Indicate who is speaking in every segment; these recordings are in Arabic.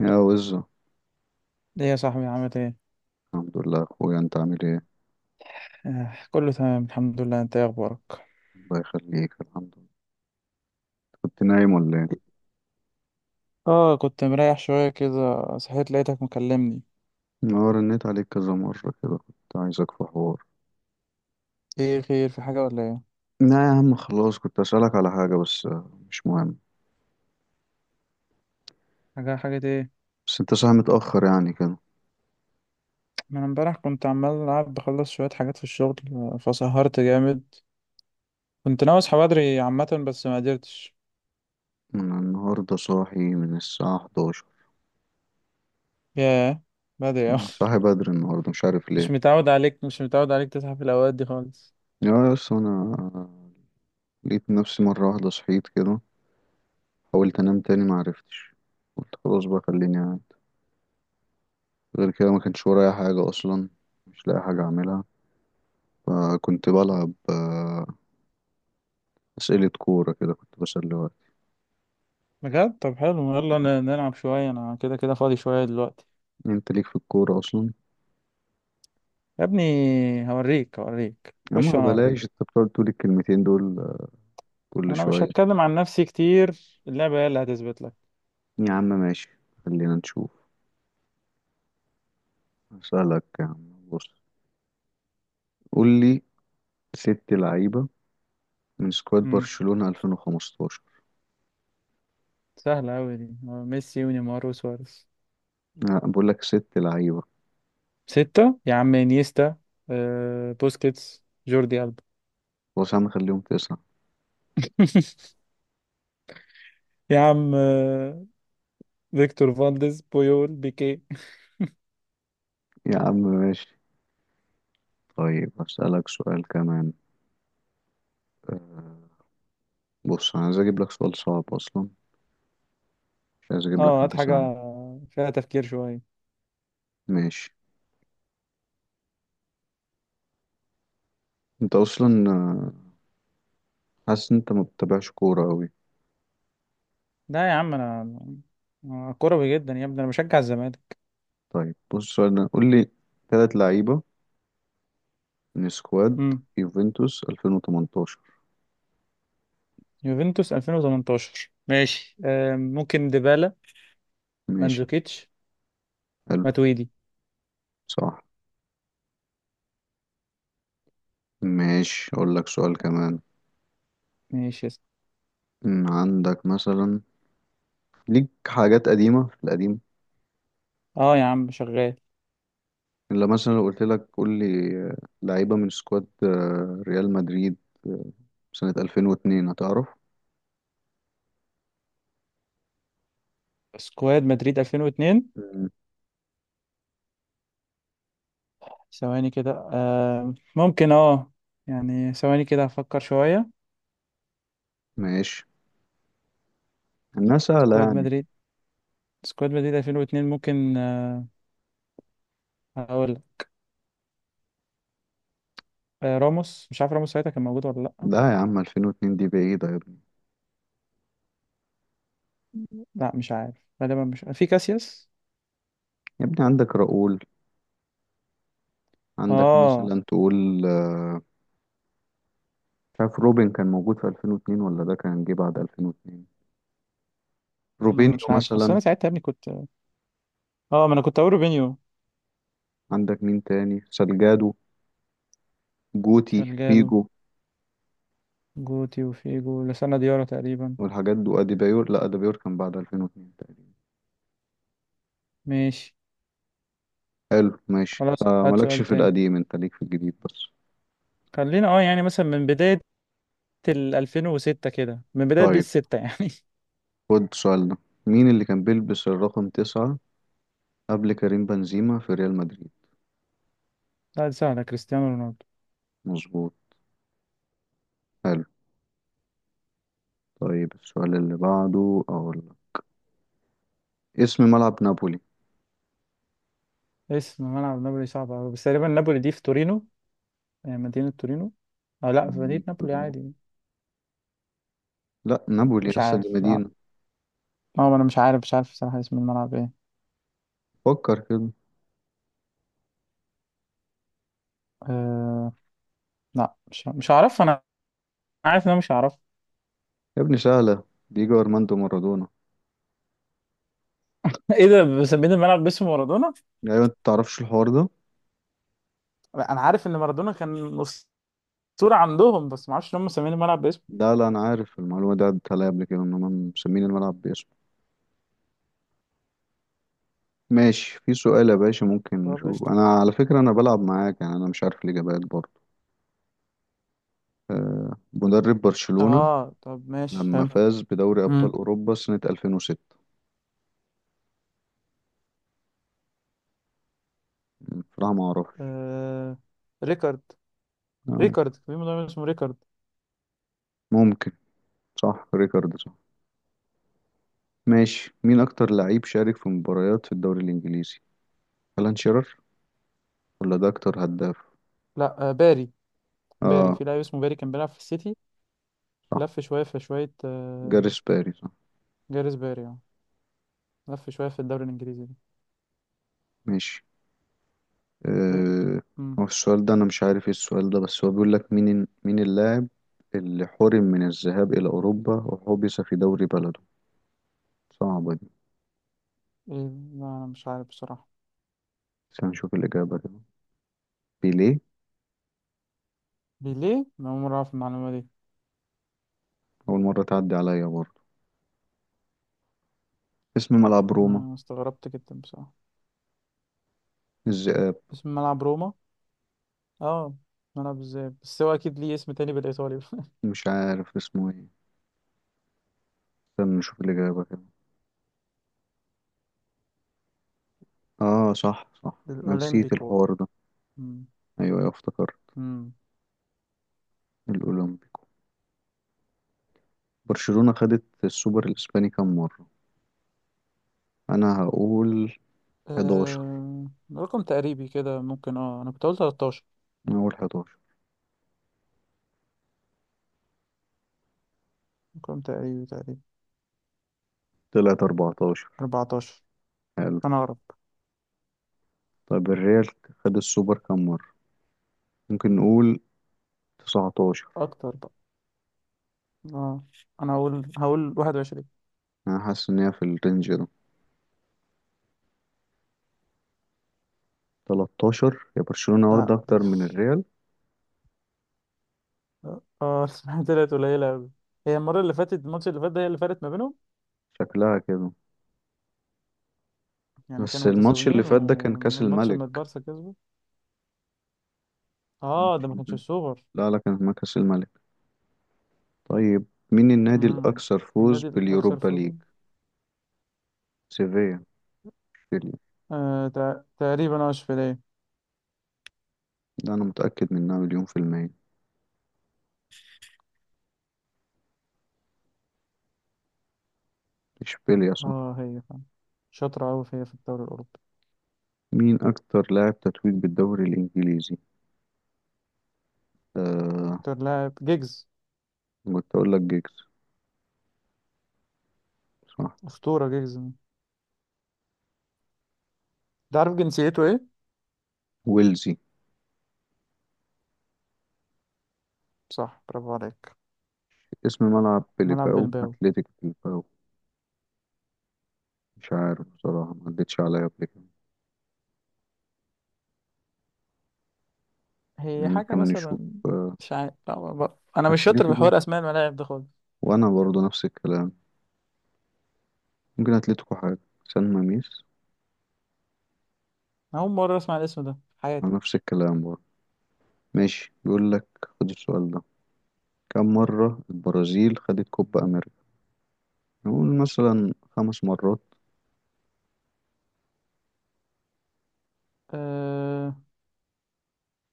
Speaker 1: يا وزو.
Speaker 2: ليه يا صاحبي عملت ايه؟
Speaker 1: الحمد لله يا اخويا، انت عامل ايه؟
Speaker 2: آه، كله تمام، الحمد لله. انت ايه اخبارك؟
Speaker 1: الله يخليك، الحمد لله. كنت نايم ولا ايه؟
Speaker 2: اه كنت مريح شوية كده. صحيت لقيتك مكلمني.
Speaker 1: انا رنيت عليك كذا مرة كده، كنت عايزك في حوار.
Speaker 2: ايه خير، في حاجة ولا ايه؟
Speaker 1: لا يا عم، خلاص كنت اسألك على حاجة بس مش مهم.
Speaker 2: حاجة، حاجة ايه؟
Speaker 1: بس انت صاحي متأخر يعني كده.
Speaker 2: ما انا امبارح كنت عمال العب بخلص شوية حاجات في الشغل آه، فسهرت جامد. كنت ناوي اصحى بدري عامة بس ما قدرتش.
Speaker 1: انا النهاردة صاحي من الساعة 11.
Speaker 2: ياه، بدري اوي.
Speaker 1: صاحي بدري النهاردة، مش عارف ليه.
Speaker 2: مش متعود عليك، مش متعود عليك تصحى في الاوقات دي خالص.
Speaker 1: يا بس انا لقيت نفسي مرة واحدة صحيت كده. حاولت انام تاني، معرفتش. قلت خلاص بقى خليني قاعد. غير كده ما كانش ورايا حاجة اصلا. مش لاقي حاجة اعملها. فكنت بلعب أسئلة كورة، كده كنت بسلي وقت.
Speaker 2: بجد؟ طب حلو، يلا نلعب شوية، انا كده كده فاضي شوية دلوقتي.
Speaker 1: أنت ليك في الكورة أصلا؟
Speaker 2: يا ابني، هوريك هوريك،
Speaker 1: يا
Speaker 2: خش
Speaker 1: عم
Speaker 2: وانا اوريك.
Speaker 1: بلاش، أنت بتقعد تقول الكلمتين دول كل
Speaker 2: انا مش
Speaker 1: شوية.
Speaker 2: هتكلم عن نفسي كتير، اللعبة هي اللي هتثبت لك.
Speaker 1: يا عم ماشي، خلينا نشوف. أسألك يا عم، بص قول لي ست لعيبة من سكواد
Speaker 2: امم
Speaker 1: برشلونة 2015.
Speaker 2: سهلة أوي دي. آه، ميسي ونيمار وسواريز.
Speaker 1: لا، بقول لك ست لعيبة.
Speaker 2: ستة يا عم، انيستا، آه، بوسكيتس، جوردي ألبا.
Speaker 1: خلاص يا عم خليهم تسعة.
Speaker 2: يا عم، آه، فيكتور فالديز، بويول، بيكي.
Speaker 1: يا عم ماشي، طيب أسألك سؤال كمان. آه، بص أنا عايز أجيب لك سؤال صعب أصلا. مش عايز أجيب لك
Speaker 2: اه هات
Speaker 1: حاجة
Speaker 2: حاجة
Speaker 1: سهلة.
Speaker 2: فيها تفكير شوية.
Speaker 1: ماشي، انت اصلا حاسس إن انت ما بتتابعش كورة قوي؟
Speaker 2: لا يا عم انا، أنا كروي جدا يا ابني، انا بشجع الزمالك.
Speaker 1: طيب بص السؤال ده، قول لي ثلاث لعيبة من سكواد
Speaker 2: امم
Speaker 1: يوفنتوس 2018.
Speaker 2: يوفنتوس 2018 ماشي، آه، ممكن ديبالا،
Speaker 1: ماشي.
Speaker 2: مانزوكيتش،
Speaker 1: حلو.
Speaker 2: ماتويدي.
Speaker 1: صح. ماشي اقول لك سؤال كمان.
Speaker 2: ماشي،
Speaker 1: عندك مثلا ليك حاجات قديمة في القديم؟
Speaker 2: اه يا عم شغال.
Speaker 1: الا مثلا لو قلت لك قول لي لعيبة من سكواد ريال مدريد آه، سنة 2002، هتعرف؟
Speaker 2: سكواد مدريد 2002،
Speaker 1: أمم،
Speaker 2: ثواني كده آه ممكن، اه يعني ثواني كده هفكر شوية.
Speaker 1: ماشي، انها سهلة
Speaker 2: سكواد
Speaker 1: يعني.
Speaker 2: مدريد، سكواد مدريد 2002 ممكن، آه هقول، آه راموس، مش عارف راموس ساعتها كان موجود ولا لأ.
Speaker 1: لا يا عم، 2002 دي بعيدة يا ابني.
Speaker 2: لا مش عارف، غالبا مش في كاسياس.
Speaker 1: يا ابني عندك راؤول. عندك
Speaker 2: اه
Speaker 1: مثلا تقول مش عارف روبن كان موجود في 2002 ولا ده كان جه بعد 2002.
Speaker 2: ما
Speaker 1: روبينيو
Speaker 2: مش عارف بس
Speaker 1: مثلا.
Speaker 2: انا ساعتها يا ابني كنت، اه ما انا كنت اقول روبينيو.
Speaker 1: عندك مين تاني؟ سالجادو، جوتي،
Speaker 2: سالجادو،
Speaker 1: فيجو.
Speaker 2: جوتي وفيجو لسنا ديارة تقريبا.
Speaker 1: والحاجات دي، واديبايور، لا اديبايور كان بعد 2002 تقريبا.
Speaker 2: ماشي،
Speaker 1: حلو ماشي.
Speaker 2: خلاص هات
Speaker 1: مالكش
Speaker 2: سؤال
Speaker 1: في
Speaker 2: تاني.
Speaker 1: القديم، انت ليك في الجديد بس.
Speaker 2: خلينا اه يعني مثلا من بداية ال 2006 كده، من بداية
Speaker 1: طيب
Speaker 2: بيس 6 يعني.
Speaker 1: خد السؤال ده، مين اللي كان بيلبس الرقم تسعة قبل كريم بنزيما في ريال مدريد؟
Speaker 2: لا دي سهلة، كريستيانو رونالدو.
Speaker 1: مظبوط. حلو. طيب السؤال اللي بعده اقول لك، اسم ملعب نابولي؟
Speaker 2: اسم ملعب نابولي صعب أوي، بس تقريبا نابولي دي في تورينو، يعني مدينة تورينو، أو لا في مدينة
Speaker 1: مدينة
Speaker 2: نابولي
Speaker 1: تورينو؟
Speaker 2: عادي.
Speaker 1: لا نابولي
Speaker 2: مش
Speaker 1: لسه دي
Speaker 2: عارف، لا.
Speaker 1: مدينة.
Speaker 2: أنا مش عارف، مش عارف صراحة اسم الملعب إيه.
Speaker 1: فكر كده.
Speaker 2: أه... لا مش هعرف. أنا عارف إن أنا مش هعرف.
Speaker 1: يا ابني سهلة، ديجو أرماندو مارادونا.
Speaker 2: إيه ده، مسمين الملعب باسم مارادونا؟
Speaker 1: أيوة أنت متعرفش الحوار ده؟
Speaker 2: لا، أنا عارف إن مارادونا كان أسطورة عندهم، بس ما أعرفش إن هم مسمين الملعب باسمه.
Speaker 1: لا لا، أنا عارف المعلومة دي عدت عليا قبل كده إن هما مسمين الملعب باسمه. ماشي، في سؤال يا باشا ممكن
Speaker 2: طب
Speaker 1: نشوف.
Speaker 2: قشطة.
Speaker 1: أنا على فكرة أنا بلعب معاك، يعني أنا مش عارف الإجابات برضه. آه، مدرب برشلونة
Speaker 2: أه طب ماشي
Speaker 1: لما
Speaker 2: حلو.
Speaker 1: فاز بدوري أبطال
Speaker 2: مم.
Speaker 1: أوروبا سنة 2006؟ بصراحة ما أعرفش.
Speaker 2: أه... ريكارد.
Speaker 1: آه،
Speaker 2: ريكارد، في مدرب اسمه ريكارد.
Speaker 1: ممكن. صح، ريكارد صح. ماشي، مين أكتر لعيب شارك في مباريات في الدوري الإنجليزي؟ ألان شيرر ولا ده أكتر هداف؟
Speaker 2: لا آه باري. باري،
Speaker 1: آه
Speaker 2: في لاعب اسمه باري كان بيلعب في السيتي.
Speaker 1: صح.
Speaker 2: لف شوية في شوية، آه،
Speaker 1: جاريث باري صح.
Speaker 2: جاريث باري يعني. لف شوية في الدوري الإنجليزي ده.
Speaker 1: ماشي.
Speaker 2: إيه؟
Speaker 1: آه،
Speaker 2: مم.
Speaker 1: هو السؤال ده أنا مش عارف إيه السؤال ده، بس هو بيقول لك مين اللاعب اللي حرم من الذهاب إلى أوروبا وحبس في دوري بلده. صعبة دي.
Speaker 2: إيه؟ لا أنا مش عارف بصراحة.
Speaker 1: بس هنشوف الإجابة كده. بيليه.
Speaker 2: ليه؟ أنا أول مرة أعرف المعلومة دي.
Speaker 1: أول مرة تعدي عليا برضه. اسم ملعب روما
Speaker 2: أنا استغربت جدا بصراحة.
Speaker 1: الذئاب؟
Speaker 2: اسم ملعب روما، اه ملعب ازاي بس هو أكيد ليه اسم تاني بالإيطالي.
Speaker 1: مش عارف اسمه إيه. استنى نشوف الإجابة كده. آه، صح صح. أنا نسيت
Speaker 2: الأولمبيكو.
Speaker 1: الحوار ده.
Speaker 2: مم.
Speaker 1: أيوة أيوة، افتكرت.
Speaker 2: مم.
Speaker 1: الأولمبيكو. برشلونة خدت السوبر الإسباني كام مرة؟ أنا هقول 11.
Speaker 2: آه... رقم تقريبي كده ممكن، اه أنا كنت أقول 13.
Speaker 1: أنا هقول 11.
Speaker 2: رقم تقريبي تقريبي.
Speaker 1: طلعت 14.
Speaker 2: 14،
Speaker 1: حلو.
Speaker 2: أنا أقرب.
Speaker 1: طب الريال خد السوبر كام مرة؟ ممكن نقول 19.
Speaker 2: أكتر بقى. اه انا هقول 21.
Speaker 1: انا حاسس ان هي في الرينج ده. 13، يا برشلونة
Speaker 2: لا
Speaker 1: واخدة
Speaker 2: دي،
Speaker 1: اكتر من الريال
Speaker 2: اه. اسمها طلعت قليلة أوي. هي المرة اللي فاتت، الماتش اللي فات ده هي اللي فرقت ما بينهم.
Speaker 1: شكلها كده.
Speaker 2: يعني
Speaker 1: بس
Speaker 2: كانوا
Speaker 1: الماتش اللي
Speaker 2: متساويين
Speaker 1: فات ده كان كأس
Speaker 2: والماتش لما
Speaker 1: الملك.
Speaker 2: البارسا كسبه. اه
Speaker 1: الماتش
Speaker 2: ده ما
Speaker 1: اللي
Speaker 2: كانش
Speaker 1: فات-
Speaker 2: الصغر.
Speaker 1: لا لا، كان ما كأس الملك. طيب مين النادي
Speaker 2: امم
Speaker 1: الأكثر فوز
Speaker 2: النادي الأكثر
Speaker 1: باليوروبا ليج؟
Speaker 2: فوزا،
Speaker 1: سيفيا، اشبيليا.
Speaker 2: آه تقريبا اشبيلية.
Speaker 1: ده أنا متأكد منها مليون في المية. اشبيليا صح.
Speaker 2: اه هي فعلا شاطرة أوي في هي في الدوري الأوروبي.
Speaker 1: مين أكتر لاعب تتويج بالدوري الإنجليزي؟ آه،
Speaker 2: أكتر لاعب جيجز،
Speaker 1: كنت أقول لك جيجز. صح.
Speaker 2: أسطورة جيجز ده. عارف جنسيته إيه؟
Speaker 1: ويلزي.
Speaker 2: صح، برافو عليك.
Speaker 1: اسم ملعب
Speaker 2: ملعب
Speaker 1: بليباو،
Speaker 2: بلباو،
Speaker 1: أتلتيك بليباو؟ مش عارف بصراحة، ما عدتش عليا قبل كده.
Speaker 2: هي حاجة
Speaker 1: ممكن نشوف
Speaker 2: مثلا. مش عارف، لا، أنا مش شاطر في
Speaker 1: أتلتيكو.
Speaker 2: حوار أسماء الملاعب ده خالص.
Speaker 1: وأنا برضه نفس الكلام. ممكن أتلتيكو حاجة. سان ماميس.
Speaker 2: أنا أول مرة أسمع الاسم ده في حياتي.
Speaker 1: أنا نفس الكلام برضه. ماشي، بيقول لك خد السؤال ده، كم مرة البرازيل خدت كوبا أمريكا؟ نقول مثلا خمس مرات.
Speaker 2: أه...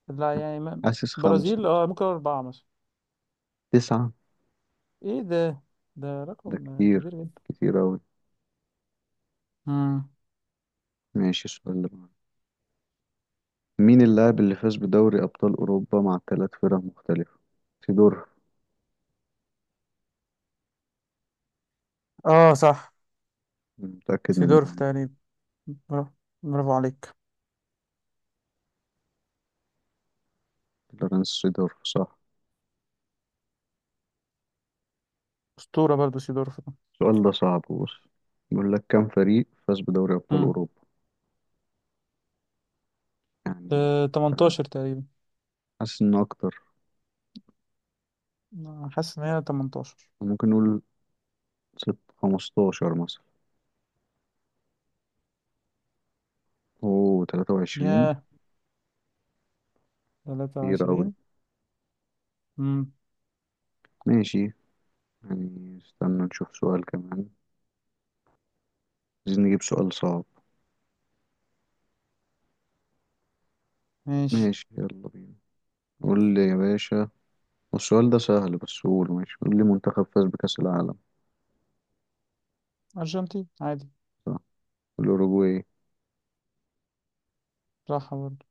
Speaker 2: لا يعني ما...
Speaker 1: حاسس خمسة
Speaker 2: برازيل،
Speaker 1: مثلا.
Speaker 2: أه ممكن أربعة مثلا.
Speaker 1: تسعة.
Speaker 2: إيه ده، ده
Speaker 1: ده
Speaker 2: رقم كبير
Speaker 1: كتير،
Speaker 2: جدا.
Speaker 1: كتير أوي.
Speaker 2: مم.
Speaker 1: ماشي، السؤال اللي بعده، مين اللاعب اللي فاز بدوري أبطال أوروبا مع ثلاث فرق مختلفة؟ سيدورف،
Speaker 2: اه صح.
Speaker 1: متأكد
Speaker 2: سيدورف
Speaker 1: منها.
Speaker 2: تقريبا. برافو، برافو عليك.
Speaker 1: لورنس سيدورف صح.
Speaker 2: أسطورة برضو سيدورف ده.
Speaker 1: السؤال ده صعب، بص بيقول لك كم فريق فاز بدوري أبطال
Speaker 2: مم.
Speaker 1: أوروبا يعني. مش عارف.
Speaker 2: 18 تقريبا.
Speaker 1: حاسس إن أكتر.
Speaker 2: أنا حاسس إن هي 18.
Speaker 1: ممكن نقول ست، خمستاشر مثلا. أوه، تلاتة وعشرين.
Speaker 2: ياه،
Speaker 1: كتير أوي.
Speaker 2: 23. مم.
Speaker 1: ماشي، يعني استنى نشوف سؤال كمان. عايزين نجيب سؤال صعب.
Speaker 2: ماشي.
Speaker 1: ماشي يلا بينا. قول لي يا باشا، والسؤال ده سهل بس قوله، ماشي قول لي منتخب فاز بكأس العالم؟
Speaker 2: أرجنتين عادي.
Speaker 1: صح. الأوروجواي.
Speaker 2: راحة برضو.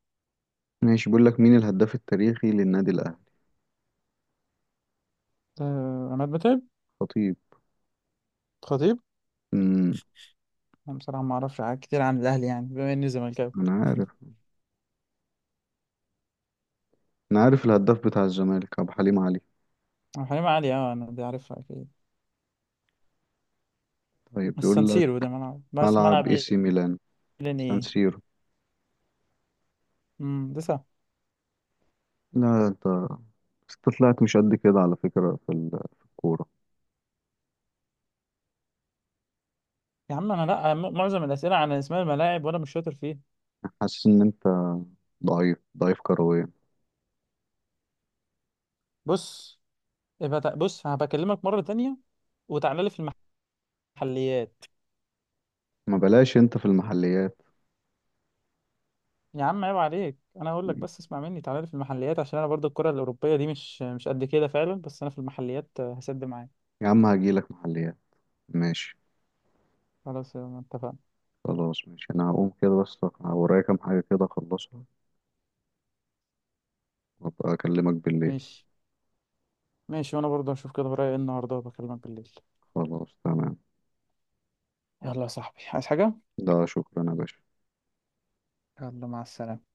Speaker 1: ماشي، بيقول لك مين الهداف التاريخي للنادي الأهلي؟
Speaker 2: ده عماد متعب.
Speaker 1: خطيب.
Speaker 2: خطيب.
Speaker 1: امم
Speaker 2: انا بصراحه ما اعرفش حاجات كتير عن الاهلي، يعني بما اني زملكاوي.
Speaker 1: أنا عارف. انا عارف الهداف بتاع الزمالك ابو حليم علي.
Speaker 2: أو حليم علي اه، انا دي عارفها اكيد.
Speaker 1: طيب
Speaker 2: السان
Speaker 1: بيقول لك،
Speaker 2: سيرو ده ملعب، بس
Speaker 1: ملعب
Speaker 2: ملعب.
Speaker 1: اي سي ميلان؟
Speaker 2: ميلان
Speaker 1: سان
Speaker 2: ايه.
Speaker 1: سيرو.
Speaker 2: لسه.
Speaker 1: لا، انت طلعت مش قد كده على فكرة في الكورة.
Speaker 2: يا عم انا لا، معظم الاسئله عن اسماء الملاعب وانا مش شاطر فيها.
Speaker 1: حاسس ان انت ضعيف ضعيف كرويا.
Speaker 2: بص، يبقى بص هبكلمك مره تانية وتعالى لي في المحليات.
Speaker 1: ما بلاش انت في المحليات.
Speaker 2: يا عم عيب عليك، انا هقول لك بس اسمع مني، تعالى لي في المحليات عشان انا برضه الكره الاوروبيه دي مش قد كده فعلا، بس انا في المحليات، آه، هسد معاك.
Speaker 1: يا عم هجيلك محليات، ماشي.
Speaker 2: خلاص يلا اتفقنا.
Speaker 1: خلاص ماشي، انا هقوم كده بس ورايا كام حاجة كده اخلصها. وابقى اكلمك بالليل.
Speaker 2: ماشي، ماشي وانا برضه هشوف كده ورايا ايه النهارده وبكلمك بالليل.
Speaker 1: خلاص تمام.
Speaker 2: يلا يا صاحبي، عايز حاجة؟
Speaker 1: ده شكرا يا باشا.
Speaker 2: يلا مع السلامة.